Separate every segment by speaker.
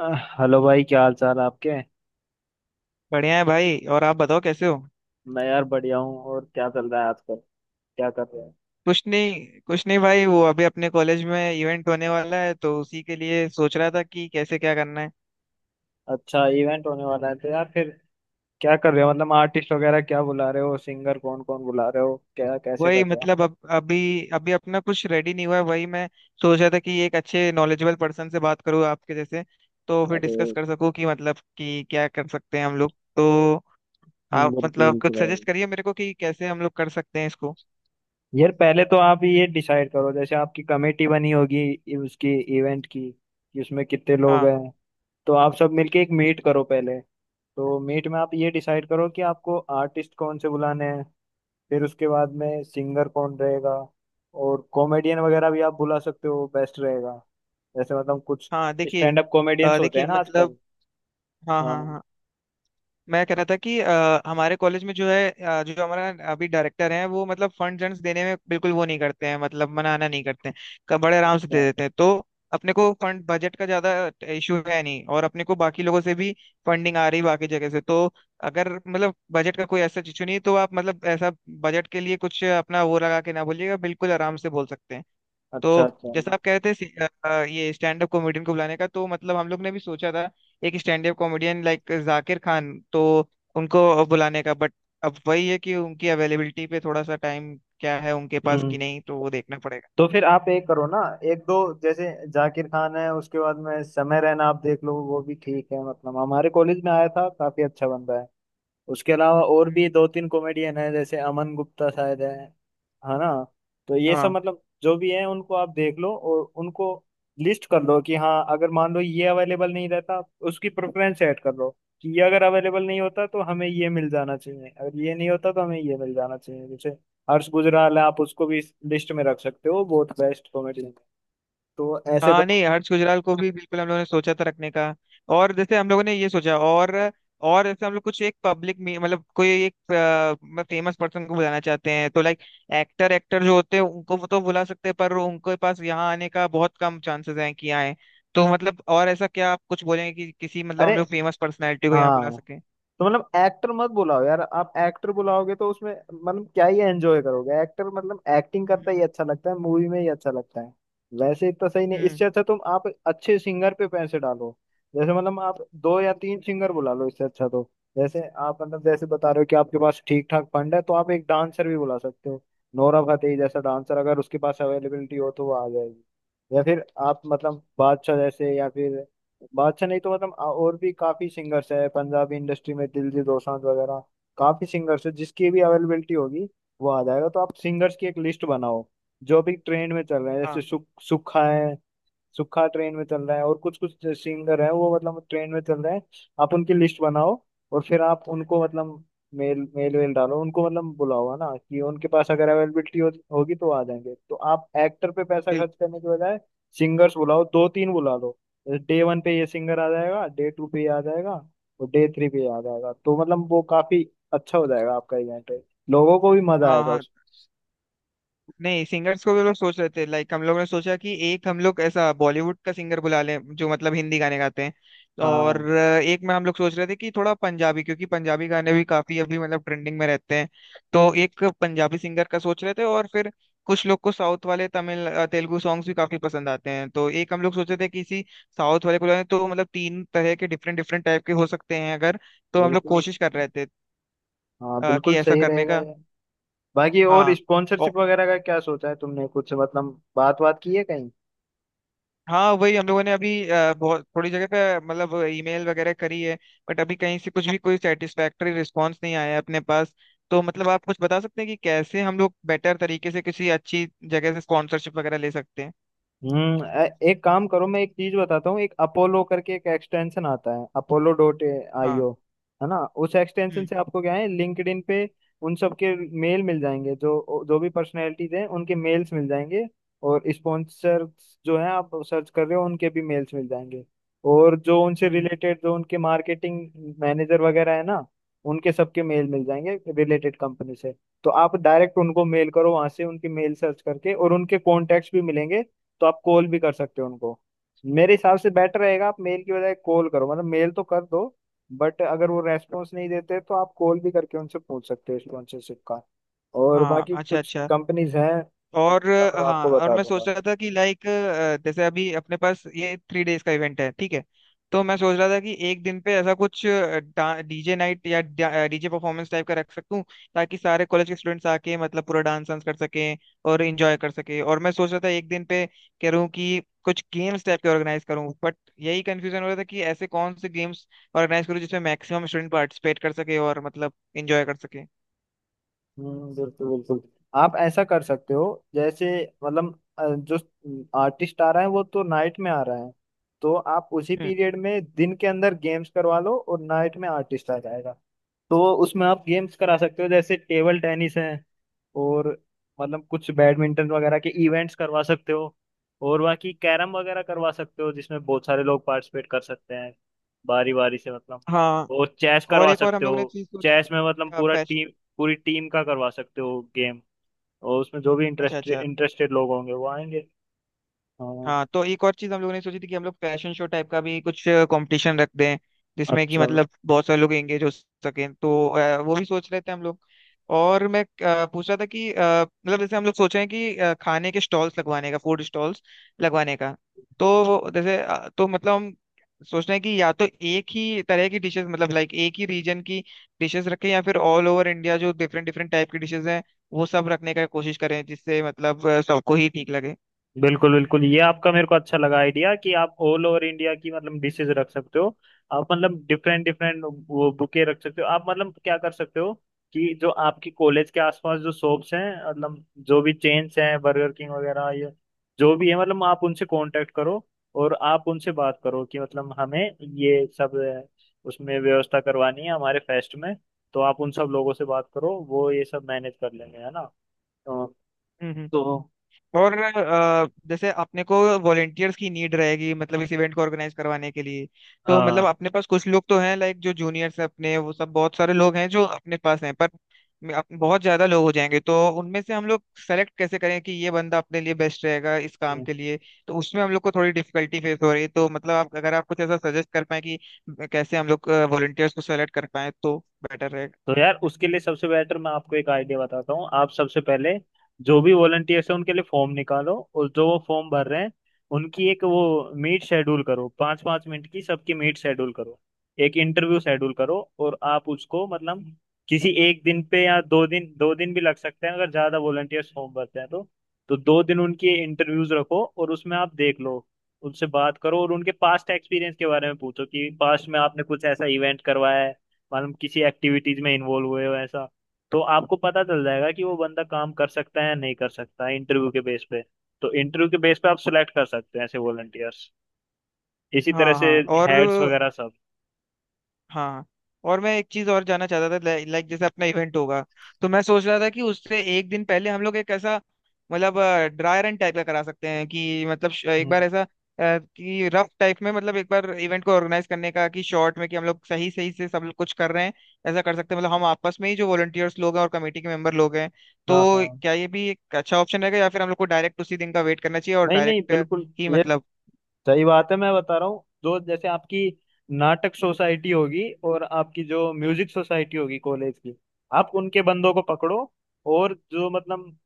Speaker 1: Hello भाई, क्या हाल चाल है आपके।
Speaker 2: बढ़िया है भाई। और आप बताओ कैसे हो।
Speaker 1: मैं यार बढ़िया हूँ। और क्या चल रहा है आजकल? क्या कर रहे हैं?
Speaker 2: कुछ नहीं भाई, वो अभी अपने कॉलेज में इवेंट होने वाला है, तो उसी के लिए सोच रहा था कि कैसे क्या करना है।
Speaker 1: अच्छा, इवेंट होने वाला है तो यार फिर क्या कर रहे हो? मतलब आर्टिस्ट वगैरह क्या बुला रहे हो? सिंगर कौन कौन बुला रहे हो? क्या कैसे कर
Speaker 2: वही
Speaker 1: रहे हो?
Speaker 2: मतलब अब अभी अभी अपना कुछ रेडी नहीं हुआ है, वही मैं सोच रहा था कि एक अच्छे नॉलेजेबल पर्सन से बात करूँ आपके जैसे, तो फिर
Speaker 1: अरे
Speaker 2: डिस्कस कर सकूँ कि मतलब कि क्या कर सकते हैं हम लोग। तो आप
Speaker 1: बिल्कुल
Speaker 2: मतलब
Speaker 1: बिल्कुल
Speaker 2: कुछ
Speaker 1: भाई।
Speaker 2: सजेस्ट करिए मेरे को कि कैसे हम लोग कर सकते हैं इसको।
Speaker 1: यार पहले तो आप ये डिसाइड करो, जैसे आपकी कमेटी बनी होगी उसकी इवेंट की, कि उसमें कितने लोग
Speaker 2: हाँ
Speaker 1: हैं। तो आप सब मिलके एक मीट करो पहले। तो मीट में आप ये डिसाइड करो कि आपको आर्टिस्ट कौन से बुलाने हैं। फिर उसके बाद में सिंगर कौन रहेगा। और कॉमेडियन वगैरह भी आप बुला सकते हो, बेस्ट रहेगा। जैसे मतलब कुछ
Speaker 2: हाँ देखिए।
Speaker 1: स्टैंड अप कॉमेडियंस होते
Speaker 2: देखिए
Speaker 1: हैं ना आजकल।
Speaker 2: मतलब हाँ हाँ
Speaker 1: हाँ,
Speaker 2: हाँ मैं कह रहा था कि हमारे कॉलेज में जो है, जो हमारा अभी डायरेक्टर हैं, वो मतलब फंड जन्स देने में बिल्कुल वो नहीं करते हैं, मतलब मनाना नहीं करते हैं। बड़े आराम से दे
Speaker 1: अच्छा
Speaker 2: देते हैं। तो अपने को फंड बजट का ज्यादा इशू है नहीं, और अपने को बाकी लोगों से भी फंडिंग आ रही बाकी जगह से। तो अगर मतलब बजट का कोई ऐसा इशू नहीं, तो आप मतलब ऐसा बजट के लिए कुछ अपना वो लगा के ना बोलिएगा, बिल्कुल आराम से बोल सकते हैं।
Speaker 1: अच्छा
Speaker 2: तो
Speaker 1: अच्छा।
Speaker 2: जैसा आप कह रहे थे, ये स्टैंड अप कॉमेडियन को बुलाने का, तो मतलब हम लोग ने भी सोचा था एक stand up comedian like Zakir Khan, तो उनको बुलाने का। बट अब वही है कि उनकी अवेलेबिलिटी पे थोड़ा सा टाइम क्या है उनके पास
Speaker 1: हम्म
Speaker 2: कि नहीं, तो वो देखना पड़ेगा।
Speaker 1: तो फिर आप एक करो ना, एक दो, जैसे जाकिर खान है, उसके बाद में समय रैना, आप देख लो वो भी ठीक है, मतलब हमारे कॉलेज में आया था, काफी अच्छा बंदा है। उसके अलावा और
Speaker 2: हम्म।
Speaker 1: भी दो तीन कॉमेडियन है, जैसे अमन गुप्ता शायद है ना। तो ये सब
Speaker 2: हाँ
Speaker 1: मतलब जो भी है उनको आप देख लो और उनको लिस्ट कर लो, कि हाँ अगर मान लो ये अवेलेबल नहीं रहता, उसकी प्रेफरेंस ऐड कर लो। कि ये अगर अवेलेबल नहीं होता तो हमें ये मिल जाना चाहिए, अगर ये नहीं होता तो हमें ये मिल जाना चाहिए। जैसे हर्ष गुजराल है, आप उसको भी लिस्ट में रख सकते हो, बहुत बेस्ट कॉमेडियन। तो ऐसे
Speaker 2: हाँ
Speaker 1: करो।
Speaker 2: नहीं, हर्ष गुजराल को भी बिल्कुल हम लोगों ने सोचा था रखने का। और जैसे हम लोगों ने ये सोचा, और जैसे हम लोग कुछ एक पब्लिक में मतलब कोई एक फेमस पर्सन को बुलाना चाहते हैं, तो लाइक एक्टर एक्टर जो होते हैं उनको वो तो बुला सकते हैं, पर उनके पास यहाँ आने का बहुत कम चांसेस हैं कि आए। तो मतलब और ऐसा क्या आप कुछ बोलेंगे कि किसी मतलब
Speaker 1: अरे
Speaker 2: हम लोग फेमस पर्सनैलिटी को यहाँ बुला
Speaker 1: हाँ,
Speaker 2: सकें।
Speaker 1: तो मतलब एक्टर मत बुलाओ यार। आप एक्टर बुलाओगे तो उसमें मतलब क्या ही एंजॉय करोगे? एक्टर मतलब एक्टिंग करता
Speaker 2: हम्म।
Speaker 1: ही अच्छा लगता है, मूवी में ही अच्छा लगता है, वैसे इतना सही नहीं।
Speaker 2: हम्म।
Speaker 1: इससे अच्छा तुम आप अच्छे सिंगर पे पैसे डालो। जैसे मतलब आप दो या तीन सिंगर बुला लो, इससे अच्छा। तो जैसे आप मतलब जैसे बता रहे हो कि आपके पास ठीक ठाक फंड है, तो आप एक डांसर भी बुला सकते हो। नोरा फतेही जैसा डांसर, अगर उसके पास अवेलेबिलिटी हो तो वो आ जाएगी। या फिर आप मतलब बादशाह जैसे, या फिर बादशाह नहीं तो मतलब और भी काफी सिंगर्स है पंजाबी इंडस्ट्री में, दिलजीत दोसांझ वगैरह। काफी सिंगर्स है, जिसकी भी अवेलेबिलिटी होगी वो आ जाएगा। तो आप सिंगर्स की एक लिस्ट बनाओ, जो भी ट्रेंड में चल रहे हैं, जैसे
Speaker 2: हाँ
Speaker 1: सुख, सुखा है, सुखा ट्रेन में चल रहा है, और कुछ कुछ सिंगर है वो मतलब ट्रेन में चल रहे हैं, आप उनकी लिस्ट बनाओ। और फिर आप उनको मतलब मेल मेल वेल डालो, उनको मतलब बुलाओ, है ना। कि उनके पास अगर अवेलेबिलिटी होगी तो आ जाएंगे। तो आप एक्टर पे पैसा
Speaker 2: बिल्कुल।
Speaker 1: खर्च करने के बजाय सिंगर्स बुलाओ, दो तीन बुला लो। डे वन पे ये सिंगर आ जाएगा, डे टू पे ये आ जाएगा, और डे थ्री पे ये आ जाएगा। तो मतलब वो काफी अच्छा हो जाएगा आपका इवेंट। लोगों को भी मजा
Speaker 2: हाँ
Speaker 1: आएगा
Speaker 2: हाँ
Speaker 1: उस।
Speaker 2: नहीं, सिंगर्स को भी लोग सोच रहे थे, लाइक हम लोग ने सोचा कि एक हम लोग ऐसा बॉलीवुड का सिंगर बुला लें जो मतलब हिंदी गाने गाते हैं। और
Speaker 1: हाँ
Speaker 2: एक में हम लोग सोच रहे थे कि थोड़ा पंजाबी, क्योंकि पंजाबी गाने भी काफी अभी मतलब ट्रेंडिंग में रहते हैं, तो एक पंजाबी सिंगर का सोच रहे थे। और फिर कुछ लोग को साउथ वाले तमिल, तेलुगु सॉन्ग्स भी काफी पसंद आते हैं, तो एक हम लोग सोच रहे थे किसी साउथ वाले को बुलाएं। तो मतलब तीन तरह के डिफरेंट डिफरेंट टाइप के हो सकते हैं अगर, तो हम लोग
Speaker 1: बिल्कुल,
Speaker 2: कोशिश कर रहे थे
Speaker 1: हाँ
Speaker 2: कि
Speaker 1: बिल्कुल
Speaker 2: ऐसा
Speaker 1: सही
Speaker 2: करने
Speaker 1: रहेगा
Speaker 2: का।
Speaker 1: ये। बाकी और
Speaker 2: हाँ।
Speaker 1: स्पॉन्सरशिप वगैरह का क्या सोचा है तुमने? कुछ मतलब बात बात की है कहीं?
Speaker 2: हाँ वही हम लोगों ने अभी बहुत थोड़ी जगह पे मतलब ईमेल वगैरह करी है, बट अभी कहीं से कुछ भी कोई सेटिस्फैक्टरी रिस्पांस नहीं आया है अपने पास। तो मतलब आप कुछ बता सकते हैं कि कैसे हम लोग बेटर तरीके से किसी अच्छी जगह से स्पॉन्सरशिप वगैरह ले सकते हैं।
Speaker 1: एक काम करो, मैं एक चीज बताता हूँ। एक अपोलो करके एक एक्सटेंशन आता है, अपोलो डॉट आई
Speaker 2: हाँ।
Speaker 1: ओ है ना। उस एक्सटेंशन
Speaker 2: हम्म
Speaker 1: से आपको क्या है, लिंक्डइन पे उन सब के मेल मिल जाएंगे, जो जो भी पर्सनैलिटीज हैं उनके मेल्स मिल जाएंगे। और स्पॉन्सर जो है आप सर्च कर रहे हो उनके भी मेल्स मिल जाएंगे। और जो उनसे
Speaker 2: हम्म
Speaker 1: रिलेटेड, जो उनके मार्केटिंग मैनेजर वगैरह है ना, उनके सबके मेल मिल जाएंगे रिलेटेड कंपनी से। तो आप डायरेक्ट उनको मेल करो वहां से, उनकी मेल सर्च करके, और उनके कॉन्टेक्ट्स भी मिलेंगे। तो आप कॉल भी कर सकते हो उनको। मेरे हिसाब से बेटर रहेगा आप मेल की बजाय कॉल करो, मतलब मेल तो कर दो, बट अगर वो रेस्पॉन्स नहीं देते तो आप कॉल भी करके उनसे पूछ सकते हो स्पॉन्सरशिप का। और
Speaker 2: हाँ,
Speaker 1: बाकी
Speaker 2: अच्छा
Speaker 1: कुछ
Speaker 2: अच्छा।
Speaker 1: कंपनीज हैं,
Speaker 2: और
Speaker 1: अगर
Speaker 2: हाँ,
Speaker 1: आपको
Speaker 2: और
Speaker 1: बता
Speaker 2: मैं सोच
Speaker 1: दूंगा।
Speaker 2: रहा था कि लाइक जैसे अभी अपने पास ये थ्री डेज का इवेंट है, ठीक है, तो मैं सोच रहा था कि एक दिन पे ऐसा कुछ डीजे नाइट या डीजे परफॉर्मेंस टाइप का रख सकूं, ताकि सारे कॉलेज के स्टूडेंट्स आके मतलब पूरा डांस वांस कर सकें और एंजॉय कर सकें। और मैं सोच रहा था एक दिन पे कह रहा हूं कि कुछ गेम्स टाइप के ऑर्गेनाइज करूं, बट यही कंफ्यूजन हो रहा था कि ऐसे कौन से गेम्स ऑर्गेनाइज करूं जिसमें मैक्सिमम स्टूडेंट पार्टिसिपेट कर सके और मतलब एंजॉय कर सके।
Speaker 1: हम्म, बिल्कुल बिल्कुल। आप ऐसा कर सकते हो। जैसे मतलब जो आर्टिस्ट आ रहा है वो तो नाइट में आ रहा है, तो आप उसी
Speaker 2: हम्म।
Speaker 1: पीरियड में दिन के अंदर गेम्स करवा लो और नाइट में आर्टिस्ट आ जाएगा। तो उसमें आप गेम्स करा सकते हो, जैसे टेबल टेनिस है, और मतलब कुछ बैडमिंटन वगैरह के इवेंट्स करवा सकते हो, और बाकी कैरम वगैरह करवा सकते हो जिसमें बहुत सारे लोग पार्टिसिपेट कर सकते हैं, बारी बारी से। मतलब
Speaker 2: हाँ,
Speaker 1: और चेस
Speaker 2: और
Speaker 1: करवा
Speaker 2: एक और हम
Speaker 1: सकते
Speaker 2: लोगों ने
Speaker 1: हो।
Speaker 2: चीज सोची।
Speaker 1: चेस में मतलब पूरा टीम, पूरी टीम का करवा सकते हो गेम। और उसमें जो भी
Speaker 2: अच्छा
Speaker 1: इंटरेस्टेड
Speaker 2: अच्छा।
Speaker 1: इंटरेस्टेड लोग होंगे वो आएंगे। हाँ,
Speaker 2: हाँ, तो एक और चीज हम लोगों ने सोची थी कि हम लोग फैशन शो टाइप का भी कुछ कंपटीशन रख दें, जिसमें कि
Speaker 1: अच्छा।
Speaker 2: मतलब बहुत सारे लोग एंगेज हो सकें, तो वो भी सोच रहे थे हम लोग। और मैं पूछ रहा था कि मतलब जैसे हम लोग सोच रहे हैं कि खाने के स्टॉल्स लगवाने का, फूड स्टॉल्स लगवाने का। तो वो जैसे, तो मतलब हम सोच रहे हैं कि या तो एक ही तरह की डिशेस, मतलब लाइक एक ही रीजन की डिशेस रखें, या फिर ऑल ओवर इंडिया जो डिफरेंट डिफरेंट टाइप की डिशेस हैं, वो सब रखने का कोशिश करें, जिससे मतलब सबको ही ठीक लगे।
Speaker 1: बिल्कुल बिल्कुल, ये आपका मेरे को अच्छा लगा आइडिया, कि आप ऑल ओवर इंडिया की मतलब डिशेज रख सकते हो। आप मतलब डिफरेंट डिफरेंट वो बुके रख सकते हो। आप मतलब क्या कर सकते हो, कि जो आपकी कॉलेज के आसपास जो शॉप्स हैं, मतलब जो भी चेन्स हैं बर्गर किंग वगैरह, ये जो भी है, मतलब आप उनसे कांटेक्ट करो और आप उनसे बात करो कि मतलब हमें ये सब उसमें व्यवस्था करवानी है हमारे फेस्ट में। तो आप उन सब लोगों से बात करो, वो ये सब मैनेज कर लेंगे, है ना। तो,
Speaker 2: हम्म।
Speaker 1: तो
Speaker 2: और जैसे अपने को वॉलेंटियर्स की नीड रहेगी, मतलब इस इवेंट को ऑर्गेनाइज करवाने के लिए, तो
Speaker 1: हाँ,
Speaker 2: मतलब अपने पास कुछ लोग तो हैं, लाइक जो जूनियर्स हैं अपने, वो सब बहुत सारे लोग हैं जो अपने पास हैं। पर बहुत ज्यादा लोग हो जाएंगे, तो उनमें से हम लोग सेलेक्ट कैसे करें कि ये बंदा अपने लिए बेस्ट रहेगा इस काम के लिए। तो उसमें हम लोग को थोड़ी डिफिकल्टी फेस हो रही है, तो मतलब आप अगर आप कुछ ऐसा सजेस्ट कर पाए कि कैसे हम लोग वॉलेंटियर्स को सेलेक्ट कर पाए, तो बेटर रहेगा।
Speaker 1: तो यार उसके लिए सबसे बेटर मैं आपको एक आइडिया बताता हूँ। आप सबसे पहले जो भी वॉलंटियर्स हैं उनके लिए फॉर्म निकालो, और जो वो फॉर्म भर रहे हैं उनकी एक वो मीट शेड्यूल करो, पाँच पाँच मिनट की सबकी मीट शेड्यूल करो, एक इंटरव्यू शेड्यूल करो। और आप उसको मतलब किसी एक दिन पे, या दो दिन, दो दिन भी लग सकते हैं अगर ज़्यादा वॉलंटियर्स फॉर्म भरते हैं तो। तो दो दिन उनकी इंटरव्यूज रखो, और उसमें आप देख लो, उनसे बात करो, और उनके पास्ट एक्सपीरियंस के बारे में पूछो कि पास्ट में आपने कुछ ऐसा इवेंट करवाया है, मालूम किसी एक्टिविटीज में इन्वॉल्व हुए हो ऐसा। तो आपको पता चल जाएगा कि वो बंदा काम कर सकता है या नहीं कर सकता है इंटरव्यू के बेस पे। तो इंटरव्यू के बेस पे आप सिलेक्ट कर सकते हैं ऐसे वॉलंटियर्स। इसी तरह
Speaker 2: हाँ
Speaker 1: से
Speaker 2: हाँ और
Speaker 1: हेड्स वगैरह सब।
Speaker 2: हाँ, और मैं एक चीज और जानना चाहता था, लाइक लाइक जैसे अपना इवेंट होगा, तो मैं सोच रहा था कि उससे एक दिन पहले हम लोग एक ऐसा मतलब ड्राई रन टाइप का करा सकते हैं कि मतलब एक बार
Speaker 1: हम्म,
Speaker 2: ऐसा कि रफ टाइप में मतलब एक बार इवेंट को ऑर्गेनाइज करने का कि शॉर्ट में कि हम लोग सही सही से सब लोग कुछ कर रहे हैं, ऐसा कर सकते हैं। मतलब हम आपस में ही जो वॉलंटियर्स लोग हैं और कमेटी के मेंबर लोग हैं, तो
Speaker 1: हाँ हाँ।
Speaker 2: क्या ये भी एक अच्छा ऑप्शन रहेगा, या फिर हम लोग को डायरेक्ट उसी दिन का वेट करना चाहिए और
Speaker 1: नहीं नहीं
Speaker 2: डायरेक्ट
Speaker 1: बिल्कुल,
Speaker 2: ही
Speaker 1: ये
Speaker 2: मतलब।
Speaker 1: सही बात है, मैं बता रहा हूँ। जो जैसे आपकी नाटक सोसाइटी होगी और आपकी जो म्यूजिक सोसाइटी होगी कॉलेज की, आप उनके बंदों को पकड़ो। और जो मतलब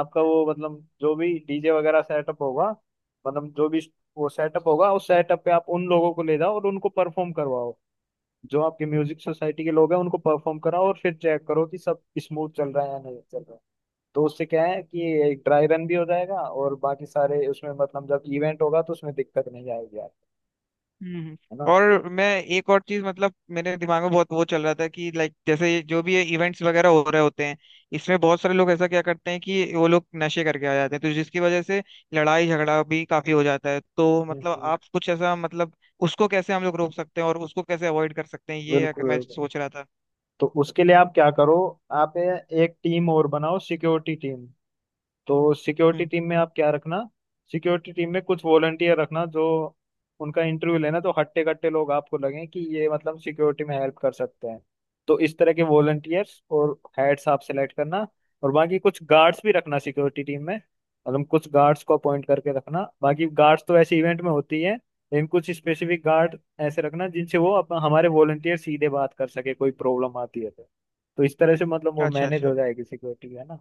Speaker 1: आपका वो मतलब जो भी डीजे वगैरह सेटअप होगा, मतलब जो भी वो सेटअप होगा, उस सेटअप पे आप उन लोगों को ले जाओ और उनको परफॉर्म करवाओ। जो आपकी म्यूजिक सोसाइटी के लोग हैं उनको परफॉर्म कराओ, और फिर चेक करो कि सब स्मूथ चल रहा है या नहीं चल रहा है। तो उससे क्या है कि एक ड्राई रन भी हो जाएगा, और बाकी सारे उसमें मतलब जब इवेंट होगा तो उसमें दिक्कत नहीं आएगी,
Speaker 2: हम्म।
Speaker 1: है ना।
Speaker 2: और मैं एक और चीज, मतलब मेरे दिमाग में बहुत वो चल रहा था कि लाइक जैसे ये जो भी ये इवेंट्स वगैरह हो रहे होते हैं, इसमें बहुत सारे लोग ऐसा क्या करते हैं कि वो लोग नशे करके आ जाते हैं, तो जिसकी वजह से लड़ाई झगड़ा भी काफी हो जाता है। तो मतलब
Speaker 1: हम्म।
Speaker 2: आप कुछ ऐसा मतलब उसको कैसे हम लोग रोक सकते हैं और उसको कैसे अवॉइड कर सकते हैं, ये अगर
Speaker 1: बिल्कुल
Speaker 2: मैं
Speaker 1: बिल्कुल।
Speaker 2: सोच रहा था।
Speaker 1: तो उसके लिए आप क्या करो, आप एक टीम और बनाओ, सिक्योरिटी टीम। तो सिक्योरिटी
Speaker 2: हम्म।
Speaker 1: टीम में आप क्या रखना, सिक्योरिटी टीम में कुछ वॉलंटियर रखना, जो उनका इंटरव्यू लेना, तो हट्टे कट्टे लोग आपको लगे कि ये मतलब सिक्योरिटी में हेल्प कर सकते हैं, तो इस तरह के वॉलंटियर्स और हेड्स आप सेलेक्ट करना। और बाकी कुछ गार्ड्स भी रखना सिक्योरिटी टीम में, मतलब कुछ गार्ड्स को अपॉइंट करके रखना। बाकी गार्ड्स तो ऐसे इवेंट में होती है, लेकिन कुछ स्पेसिफिक गार्ड ऐसे रखना जिनसे वो अपन हमारे वॉलंटियर सीधे बात कर सके, कोई प्रॉब्लम आती है तो। तो इस तरह से मतलब वो
Speaker 2: अच्छा
Speaker 1: मैनेज हो
Speaker 2: अच्छा।
Speaker 1: जाएगी सिक्योरिटी, है ना।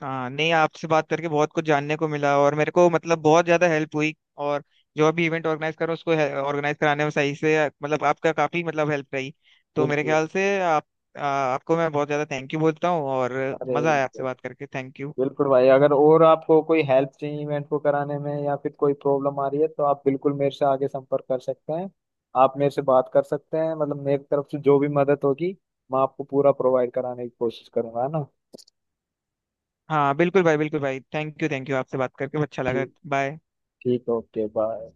Speaker 2: हाँ, नहीं, आपसे बात करके बहुत कुछ जानने को मिला, और मेरे को मतलब बहुत ज्यादा हेल्प हुई। और जो भी इवेंट ऑर्गेनाइज करो उसको ऑर्गेनाइज कराने में सही से मतलब आपका काफी मतलब हेल्प रही। तो मेरे
Speaker 1: बिल्कुल।
Speaker 2: ख्याल से आप, आपको मैं बहुत ज्यादा थैंक यू बोलता हूँ। और
Speaker 1: अरे
Speaker 2: मजा आया
Speaker 1: बिल्कुल।
Speaker 2: आपसे बात करके, थैंक यू।
Speaker 1: बिल्कुल भाई, अगर और आपको कोई हेल्प चाहिए इवेंट को कराने में या फिर कोई प्रॉब्लम आ रही है तो आप बिल्कुल मेरे से आगे संपर्क कर सकते हैं। आप मेरे से बात कर सकते हैं, मतलब मेरी तरफ से जो भी मदद होगी मैं आपको पूरा प्रोवाइड कराने की कोशिश करूंगा, है ना।
Speaker 2: हाँ बिल्कुल भाई थैंक यू आपसे बात करके अच्छा लगा।
Speaker 1: ठीक।
Speaker 2: बाय।
Speaker 1: ठीक, ओके, बाय।